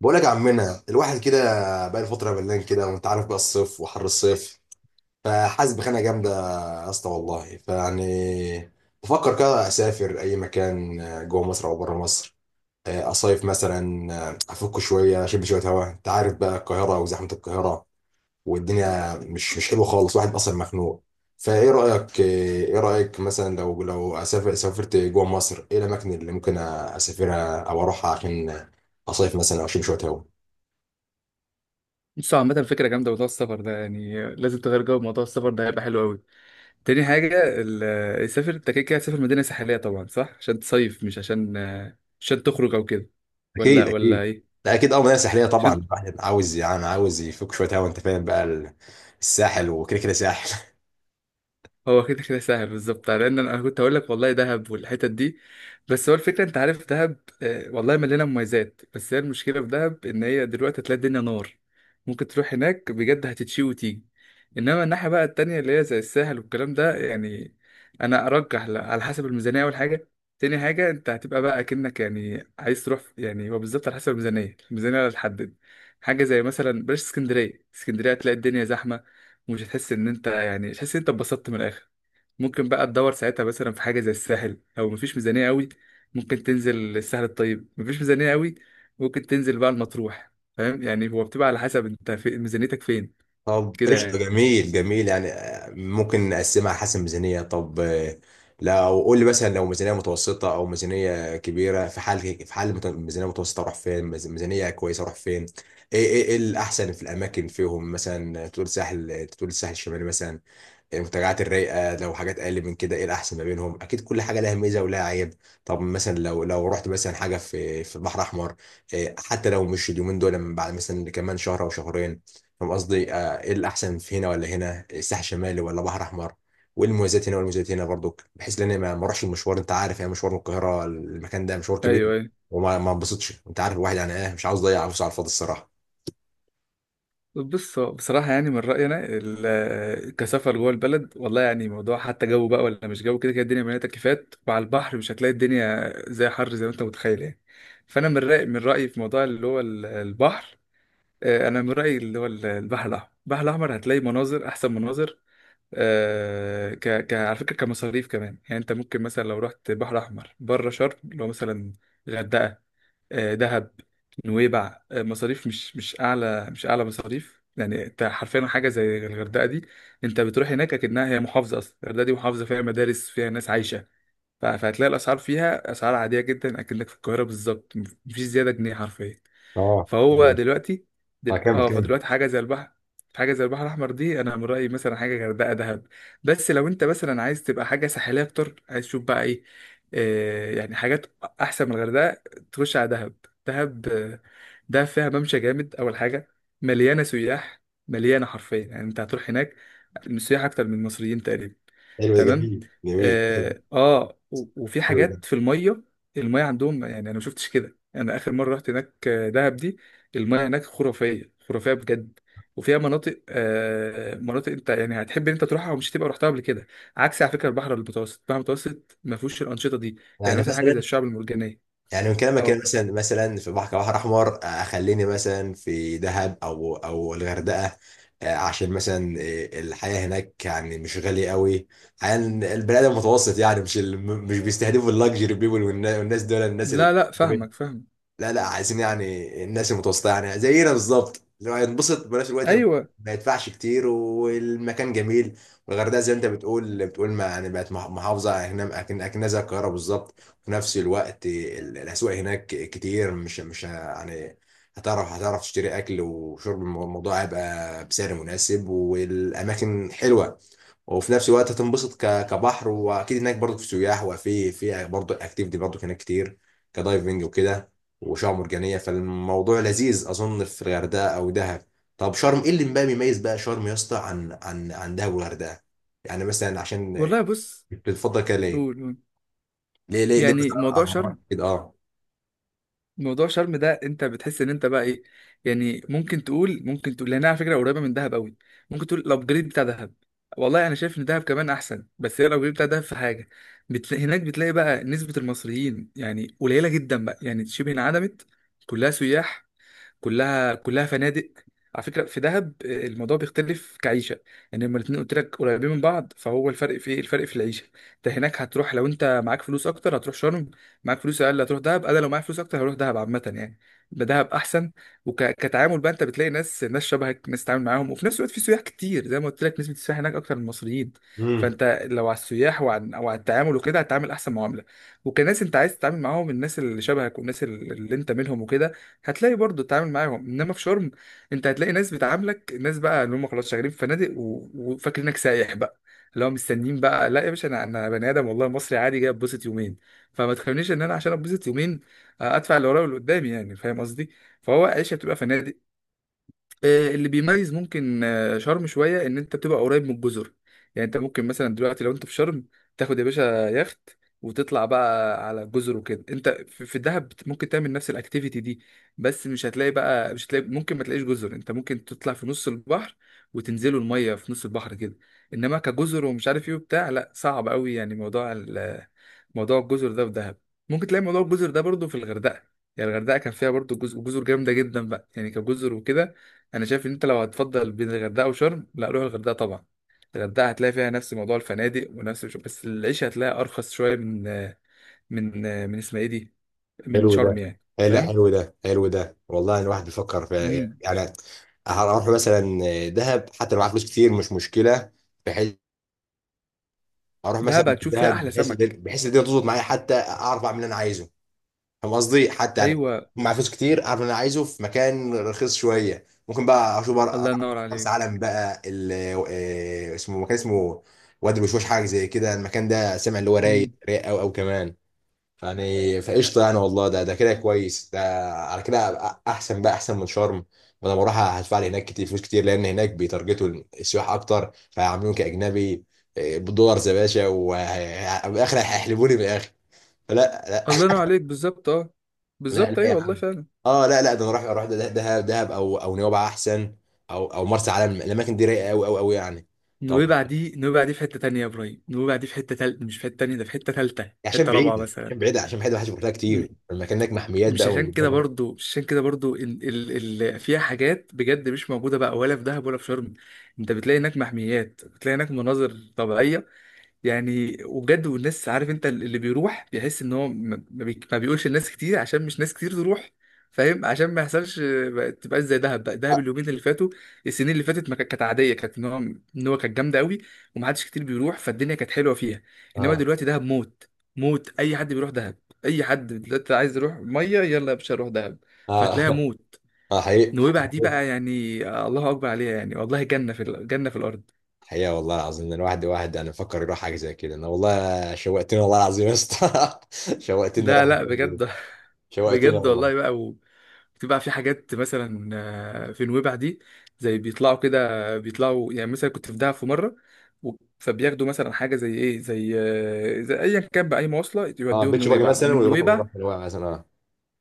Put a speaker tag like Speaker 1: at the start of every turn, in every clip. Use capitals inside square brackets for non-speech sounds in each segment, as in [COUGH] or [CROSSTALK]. Speaker 1: بقولك يا عمنا الواحد كده بقى الفترة ملان كده، وانت عارف بقى الصيف وحر الصيف. فحاسس بخناقة جامدة يا اسطى والله، فيعني بفكر كده اسافر اي مكان، جوه مصر او بره مصر. اصيف مثلا، افك شوية، اشم شوية هوا. انت عارف بقى القاهرة وزحمة القاهرة، والدنيا مش حلوة خالص، واحد اصلا مخنوق. فايه رأيك؟ ايه رأيك مثلا لو لو اسافر سافرت جوه مصر، ايه الاماكن اللي ممكن اسافرها او اروحها عشان اصيف مثلا او اشم شوية هوا؟
Speaker 2: بص، عامة فكرة جامدة، موضوع السفر ده يعني لازم تغير جو. موضوع السفر ده هيبقى حلو قوي. تاني حاجة، سافر، انت كده كده هتسافر مدينة ساحلية طبعا، صح؟ عشان تصيف، مش عشان تخرج او كده. ولا
Speaker 1: اكيد
Speaker 2: ولا
Speaker 1: اكيد.
Speaker 2: ايه؟
Speaker 1: لا اكيد، اه، مناطق ساحليه طبعا،
Speaker 2: عشان
Speaker 1: الواحد عاوز يعني عاوز يفك شويه هوا. انت فاهم بقى الساحل، وكده كده ساحل. [LAUGHS]
Speaker 2: هو كده كده سهل بالظبط، لان انا كنت هقول لك والله دهب والحتت دي. بس هو الفكره، انت عارف دهب، والله مليانه مميزات، بس هي المشكله في دهب ان هي دلوقتي تلاقي الدنيا نار. ممكن تروح هناك بجد هتتشي وتيجي. انما الناحيه بقى التانية اللي هي زي الساحل والكلام ده، يعني انا ارجح على حسب الميزانيه اول حاجه. تاني حاجه، انت هتبقى بقى اكنك يعني عايز تروح يعني هو بالظبط على حسب الميزانيه اللي هتحدد حاجه زي مثلا بلاش اسكندريه. اسكندريه هتلاقي الدنيا زحمه، ومش هتحس ان انت يعني مش هتحس ان انت اتبسطت من الاخر. ممكن بقى تدور ساعتها مثلا في حاجه زي الساحل، لو مفيش ميزانيه قوي ممكن تنزل الساحل. الطيب، مفيش ميزانيه قوي ممكن تنزل بقى المطروح. فاهم؟ يعني هو بتبقى على حسب انت في ميزانيتك فين،
Speaker 1: طب
Speaker 2: كده
Speaker 1: قشطه،
Speaker 2: يعني.
Speaker 1: جميل جميل يعني. ممكن نقسمها على حسب ميزانيه. طب، لو قول لي مثلا، لو ميزانيه متوسطه او ميزانيه كبيره. في حال ميزانيه متوسطه اروح فين؟ ميزانيه كويسه اروح فين؟ ايه ايه إيه الاحسن في الاماكن فيهم؟ مثلا تقول ساحل، تقول الساحل الشمالي مثلا، المنتجعات الرايقه. لو حاجات اقل من كده ايه الاحسن ما بينهم؟ اكيد كل حاجه لها ميزه ولها عيب. طب مثلا لو لو رحت مثلا حاجه في البحر الاحمر، حتى لو مش اليومين دول، لما بعد مثلا كمان شهر او شهرين. فاهم قصدي؟ ايه الاحسن في، هنا ولا هنا؟ الساحل الشمالي ولا بحر احمر؟ وايه المميزات هنا والمميزات هنا برضو؟ بحيث ان انا ما اروحش المشوار. انت عارف يعني، مشوار من القاهره، المكان ده مشوار كبير.
Speaker 2: ايوه، ايوه.
Speaker 1: وما ما انبسطش. انت عارف الواحد يعني، ايه، مش عاوز اضيع فلوس على الفاضي الصراحه.
Speaker 2: بص، هو بصراحه يعني من رايي انا كسفر جوه البلد، والله يعني موضوع حتى جو بقى ولا مش جو، كده كده الدنيا مليانه تكييفات، وعلى البحر مش هتلاقي الدنيا زي حر زي ما انت متخيل يعني. فانا من رايي في موضوع اللي هو البحر. انا من رايي اللي هو البحر الاحمر هتلاقي مناظر، احسن مناظر. ك ك على فكره، كمصاريف كمان، يعني انت ممكن مثلا لو رحت بحر احمر بره شرم، اللي هو مثلا غردقه، دهب، نويبع، مصاريف مش اعلى مصاريف. يعني انت حرفيا حاجه زي الغردقه دي، انت بتروح هناك اكنها هي محافظه. اصلا الغردقه دي محافظه، فيها مدارس فيها ناس عايشه. فهتلاقي الاسعار فيها اسعار عاديه جدا اكنك في القاهره بالظبط، مفيش زياده جنيه حرفيا.
Speaker 1: اه.
Speaker 2: فهو دلوقتي
Speaker 1: اه، كمل
Speaker 2: اه،
Speaker 1: كمل.
Speaker 2: فدلوقتي حاجه زي البحر، حاجه زي البحر الاحمر دي، انا من رايي مثلا حاجه غردقه، دهب. بس لو انت مثلا عايز تبقى حاجه ساحليه اكتر، عايز تشوف بقى ايه، يعني حاجات احسن من الغردقه، تخش على دهب. دهب، دهب فيها ممشى جامد اول حاجه. مليانه سياح، مليانه حرفيا. يعني انت هتروح هناك السياح اكتر من المصريين تقريبا.
Speaker 1: حلو ده، جميل
Speaker 2: تمام.
Speaker 1: جميل. حلو،
Speaker 2: اه، آه. وفي
Speaker 1: حلو ده.
Speaker 2: حاجات في الميه. الميه عندهم، يعني انا ما شفتش كده، انا اخر مره رحت هناك دهب دي، الميه هناك خرافيه، خرافيه بجد. وفيها مناطق انت يعني هتحب ان انت تروحها ومش هتبقى رحتها قبل كده. عكس على فكره البحر المتوسط ما فيهوش الانشطه دي. يعني
Speaker 1: يعني
Speaker 2: مثلا حاجه زي
Speaker 1: مثلا،
Speaker 2: الشعب المرجانيه.
Speaker 1: يعني من كلامك كده
Speaker 2: اه،
Speaker 1: مثلا، مثلا في بحر كبحر احمر، خليني مثلا في دهب او الغردقه. عشان مثلا الحياه هناك يعني مش غاليه قوي، يعني البني ادم متوسط. يعني مش بيستهدفوا اللاكجري بيبول، والناس دول، الناس
Speaker 2: لا لا، فاهمك فاهمك.
Speaker 1: لا لا، عايزين يعني الناس المتوسطه يعني، زينا بالظبط، اللي هو ينبسط بنفس الوقت
Speaker 2: ايوه
Speaker 1: ما يدفعش كتير، والمكان جميل. والغردقه زي ما انت بتقول ما يعني، بقت محافظه، اكن اكن أكنها زي القاهره بالظبط. وفي نفس الوقت الاسواق هناك كتير، مش مش ه- يعني هتعرف تشتري اكل وشرب. الموضوع هيبقى بسعر مناسب والاماكن حلوه. وفي نفس الوقت هتنبسط كبحر، واكيد هناك برضو في سياح، وفي برضو اكتيفيتي برضو هناك كتير كدايفنج وكده، وشعاب مرجانية. فالموضوع لذيذ أظن في الغردقة أو دهب. طب شرم، إيه اللي بقى بيميز بقى شرم يا اسطى عن عن دهب والغردقة؟ يعني مثلا عشان
Speaker 2: والله. بص،
Speaker 1: بتفضل كده ليه؟
Speaker 2: قول، قول.
Speaker 1: ليه
Speaker 2: يعني
Speaker 1: مثلا،
Speaker 2: موضوع
Speaker 1: أعمار
Speaker 2: شرم
Speaker 1: كده، أه؟
Speaker 2: موضوع شرم ده انت بتحس ان انت بقى ايه؟ يعني ممكن تقول لانها على فكره قريبه من دهب قوي. ممكن تقول الابجريد بتاع دهب. والله انا شايف ان دهب كمان احسن، بس هي الابجريد بتاع دهب في حاجه. هناك بتلاقي بقى نسبه المصريين يعني قليله جدا بقى، يعني شبه انعدمت. كلها سياح. كلها فنادق. على فكره في دهب الموضوع بيختلف كعيشه. يعني لما الاثنين قلت لك قريبين من بعض، فهو الفرق في إيه؟ الفرق في العيشه. انت هناك هتروح، لو انت معاك فلوس اكتر هتروح شرم، معاك فلوس اقل هتروح دهب. انا لو معايا فلوس اكتر هروح دهب، عامه يعني. يبقى دهب احسن. وكتعامل بقى، انت بتلاقي ناس شبهك، ناس تتعامل معاهم، وفي نفس الوقت في سياح كتير. زي ما قلت لك، نسبه السياح هناك اكتر من المصريين.
Speaker 1: امم.
Speaker 2: فانت لو على السياح وعن او على التعامل وكده، هتتعامل احسن معامله، وكناس انت عايز تتعامل معاهم، الناس اللي شبهك والناس اللي انت منهم وكده، هتلاقي برضه تتعامل معاهم. انما في شرم انت هتلاقي ناس بتعاملك، الناس بقى اللي هم خلاص شغالين في فنادق وفاكرينك سايح بقى. اللي هو مستنيين بقى، لا يا باشا، انا بني ادم والله، مصري عادي جاي اتبسط يومين. فما تخلينيش ان انا عشان اتبسط يومين ادفع اللي ورايا واللي قدامي، يعني فاهم قصدي. فهو عيشه بتبقى فنادق. اللي بيميز ممكن شرم شويه ان انت بتبقى قريب من الجزر. يعني انت ممكن مثلا دلوقتي لو انت في شرم تاخد يا باشا يخت وتطلع بقى على الجزر وكده. انت في الدهب ممكن تعمل نفس الاكتيفيتي دي، بس مش هتلاقي ممكن ما تلاقيش جزر. انت ممكن تطلع في نص البحر وتنزلوا الميه في نص البحر كده، انما كجزر ومش عارف ايه وبتاع، لا صعب قوي. يعني موضوع الجزر ده في دهب، ممكن تلاقي موضوع الجزر ده برضو في الغردقه. يعني الغردقه كان فيها برضو جزر، جزر جامده جدا بقى، يعني كجزر وكده. انا شايف ان انت لو هتفضل بين الغردقه وشرم، لا روح الغردقه طبعا. الغردقه هتلاقي فيها نفس موضوع الفنادق ونفس بس العيشه هتلاقي ارخص شويه من من من اسمها ايه دي، من
Speaker 1: حلو
Speaker 2: شرم
Speaker 1: ده.
Speaker 2: يعني،
Speaker 1: إيه، لا
Speaker 2: فاهم؟
Speaker 1: حلو ده، حلو ده والله. الواحد بيفكر في،
Speaker 2: امم.
Speaker 1: يعني هروح مثلا دهب، حتى لو معايا فلوس كتير مش مشكلة. بحيث- اروح مثلا
Speaker 2: دهب هتشوف فيها
Speaker 1: دهب
Speaker 2: احلى
Speaker 1: بحيث
Speaker 2: سمك.
Speaker 1: الدنيا تظبط معايا، حتى اعرف اعمل اللي انا عايزه. فاهم قصدي؟ حتى يعني
Speaker 2: ايوه.
Speaker 1: معايا فلوس كتير، اعرف إن انا عايزه في مكان رخيص شويه، ممكن بقى اشوف بقى
Speaker 2: الله ينور
Speaker 1: مرسى
Speaker 2: عليك.
Speaker 1: علم بقى اسمه مكان، اسمه وادي الوشوش حاجه زي كده. المكان ده سامع، اللي هو رايق،
Speaker 2: امم.
Speaker 1: رايق قوي قوي كمان. يعني فقشطه يعني، والله ده ده كده كويس ده. على كده أبقى احسن بقى، احسن من شرم. وانا بروح هدفع لي هناك كتير، فلوس كتير، لان هناك بيتارجتوا السياح اكتر، فهيعاملوني كاجنبي. بالدولارز يا باشا، وبالاخر هيحلبوني بالاخر. فلا،
Speaker 2: الله ينور عليك بالظبط. اه
Speaker 1: لا
Speaker 2: بالظبط.
Speaker 1: لا
Speaker 2: ايوه
Speaker 1: يا
Speaker 2: والله
Speaker 1: عم.
Speaker 2: فعلا.
Speaker 1: اه لا لا، ده انا رايح اروح دهب، دهب او نويبع احسن، او مرسى علم. الاماكن دي رايقه قوي قوي قوي يعني. طب
Speaker 2: نويبع دي في حته تانية يا ابراهيم، نويبع دي في حته تالت مش في حته تانية، ده في حته تالته، في
Speaker 1: عشان
Speaker 2: حته رابعه
Speaker 1: بعيده،
Speaker 2: مثلا.
Speaker 1: عشان بعيده، عشان بعيده، محدش بيروح لها كتير، المكان هناك محميات
Speaker 2: مش
Speaker 1: بقى
Speaker 2: عشان كده برضو مش عشان كده برضو ال ال ال فيها حاجات بجد مش موجودة بقى ولا في دهب ولا في شرم. انت بتلاقي هناك محميات، بتلاقي هناك مناظر طبيعية، يعني وبجد. والناس، عارف انت، اللي بيروح بيحس ان هو ما بيقولش لناس كتير، عشان مش ناس كتير تروح، فاهم، عشان ما يحصلش ما تبقاش زي دهب بقى. دهب
Speaker 1: اه.
Speaker 2: اليومين اللي فاتوا، السنين اللي فاتت، ما كانت عاديه، كانت ان هو كانت جامده قوي ومحدش كتير بيروح، فالدنيا كانت حلوه فيها. انما
Speaker 1: اه.
Speaker 2: دلوقتي دهب موت، موت. اي حد بيروح دهب، اي حد دلوقتي عايز يروح ميه يلا يا باشا روح دهب،
Speaker 1: اه.
Speaker 2: فهتلاقيها موت.
Speaker 1: حقيقي
Speaker 2: نويبع دي
Speaker 1: حقيقي.
Speaker 2: بقى، يعني الله اكبر عليها، يعني والله جنه في جنه في الارض.
Speaker 1: حقيقة والله العظيم، إن الواحد، واحد انا بفكر يروح حاجه زي كده. انا والله شوقتني والله العظيم يا اسطى. [LAUGHS] شوقتني، راح
Speaker 2: لا لا بجد. [LAUGHS]
Speaker 1: شوقتني
Speaker 2: بجد
Speaker 1: والله.
Speaker 2: والله بقى بتبقى في حاجات مثلا في نويبع دي، زي بيطلعوا كده، بيطلعوا. يعني مثلا كنت في دهب في مره و- فبياخدوا مثلا حاجه زي ايه؟ زي زي ايا كان باي مواصله
Speaker 1: اه.
Speaker 2: يوديهم
Speaker 1: بيتش باجي
Speaker 2: نويبع،
Speaker 1: مثلا،
Speaker 2: ومن
Speaker 1: ويروح
Speaker 2: نويبع،
Speaker 1: نويبع مثلا، اه.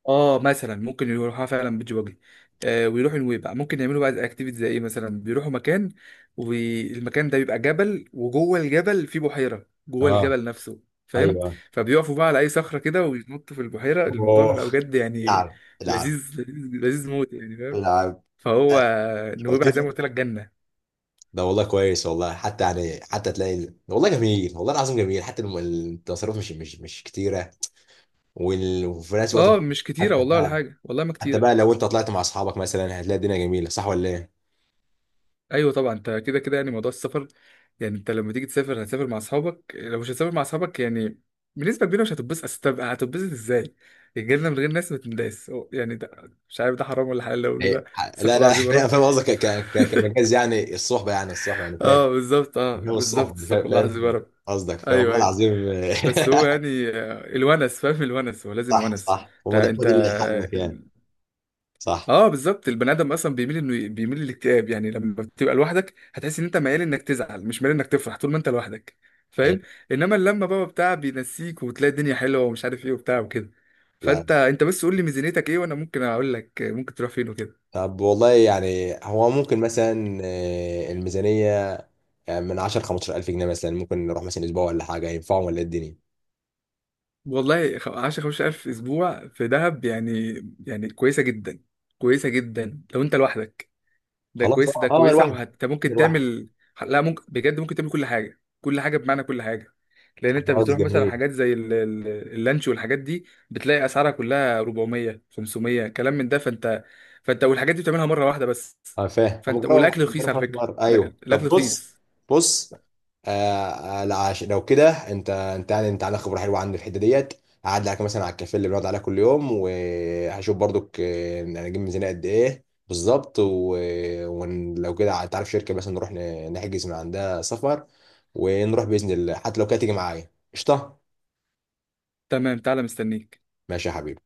Speaker 2: اه مثلا، ممكن يروحوها فعلا بيج واجي، ويروحوا نويبع. ممكن يعملوا بقى اكتيفيتي زي ايه؟ مثلا بيروحوا مكان، والمكان ده بيبقى جبل، وجوه الجبل في بحيره جوه
Speaker 1: اه.
Speaker 2: الجبل نفسه، فاهم؟
Speaker 1: ايوه.
Speaker 2: فبيقفوا بقى على اي صخره كده ويتنطوا في البحيره. الموضوع
Speaker 1: اوه.
Speaker 2: بيبقى بجد يعني
Speaker 1: العب، العب،
Speaker 2: لذيذ، لذيذ، لذيذ موت، يعني فاهم.
Speaker 1: العب.
Speaker 2: فهو نويبع زي ما
Speaker 1: شوقتني
Speaker 2: قلت لك جنه.
Speaker 1: ده والله، كويس والله. حتى يعني، حتى تلاقي والله جميل، والله العظيم جميل. حتى التصرف مش كتيره. وفي نفس الوقت
Speaker 2: اه مش كتيره
Speaker 1: حتى
Speaker 2: والله، ولا
Speaker 1: بقى،
Speaker 2: حاجه والله ما
Speaker 1: حتى
Speaker 2: كتيره.
Speaker 1: بقى لو انت طلعت مع اصحابك مثلا هتلاقي الدنيا جميله، صح ولا ايه؟
Speaker 2: ايوه طبعا، انت كده كده يعني موضوع السفر. يعني انت لما تيجي تسافر هتسافر مع اصحابك. لو مش هتسافر مع اصحابك، يعني بنسبه كبيره مش هتتبسط. أصل طب هتتبسط ازاي؟ الجنه من غير ناس ما تنداس. يعني ده مش عارف ده حرام ولا حلال اللي اقوله ده. استغفر
Speaker 1: لا
Speaker 2: الله
Speaker 1: لا.
Speaker 2: العظيم
Speaker 1: [LAUGHS]
Speaker 2: يا
Speaker 1: فاهم،
Speaker 2: رب.
Speaker 1: فاهم قصدك، كمجاز
Speaker 2: [LAUGHS]
Speaker 1: يعني، الصحبه يعني، الصحبه يعني، فاهم.
Speaker 2: اه بالظبط، اه
Speaker 1: فاهم
Speaker 2: بالظبط،
Speaker 1: الصحبه،
Speaker 2: استغفر
Speaker 1: فاهم
Speaker 2: الله العظيم يا
Speaker 1: فاهم
Speaker 2: رب.
Speaker 1: قصدك،
Speaker 2: ايوه
Speaker 1: فوالله
Speaker 2: ايوه.
Speaker 1: العظيم. [LAUGHS]
Speaker 2: بس هو يعني الونس فاهم، الونس هو لازم
Speaker 1: صح
Speaker 2: ونس.
Speaker 1: صح،
Speaker 2: انت
Speaker 1: هو ده، هو
Speaker 2: انت
Speaker 1: ده اللي هيحلك يعني. صح.
Speaker 2: اه بالظبط. البني ادم اصلا بيميل، انه بيميل للاكتئاب، يعني لما بتبقى لوحدك هتحس ان انت ميال انك تزعل، مش ميال انك تفرح طول ما انت لوحدك،
Speaker 1: أيوة.
Speaker 2: فاهم. انما اللمه بقى بتاع بينسيك، وتلاقي الدنيا حلوه، ومش عارف ايه وبتاع وكده.
Speaker 1: لا،
Speaker 2: فانت بس قول لي ميزانيتك ايه وانا ممكن اقول لك ممكن تروح فين وكده.
Speaker 1: طب والله يعني، هو ممكن مثلا الميزانيه يعني من 10 15000 جنيه مثلا، ممكن نروح مثلا اسبوع ولا حاجه؟ ينفعهم ولا إيه الدنيا؟
Speaker 2: والله 10 15,000 اسبوع في دهب، يعني كويسه جدا. كويسه جدا لو انت لوحدك. ده
Speaker 1: خلاص
Speaker 2: كويسه،
Speaker 1: اه
Speaker 2: ده
Speaker 1: اه.
Speaker 2: كويسه،
Speaker 1: الواحد،
Speaker 2: وانت ممكن
Speaker 1: الواحد.
Speaker 2: تعمل، لا ممكن بجد ممكن تعمل كل حاجه، كل حاجه بمعنى كل حاجه. لان انت
Speaker 1: خلاص
Speaker 2: بتروح مثلا
Speaker 1: جميل.
Speaker 2: حاجات زي اللانش والحاجات دي بتلاقي اسعارها كلها 400 500 كلام من ده، فانت والحاجات دي بتعملها مره واحده بس،
Speaker 1: اه فاهم. أنا
Speaker 2: فانت
Speaker 1: مجرد
Speaker 2: والاكل رخيص، على
Speaker 1: خلاص
Speaker 2: فكره
Speaker 1: مرة.
Speaker 2: ده،
Speaker 1: ايوه
Speaker 2: الاكل
Speaker 1: طب بص.
Speaker 2: رخيص.
Speaker 1: بص. آه. لا لو كده انت، يعني انت عندك خبره حلوه عندي في الحته ديت. هعدي عليك مثلا على الكافيه اللي بنقعد عليه كل يوم، وهشوف برضك، انا اجيب ميزانيه قد ايه بالظبط. ولو كده تعرف شركه مثلا نروح نحجز من عندها سفر، ونروح باذن الله. حتى لو كده تيجي معايا قشطه.
Speaker 2: تمام، تعالى مستنيك.
Speaker 1: ماشي يا حبيبي.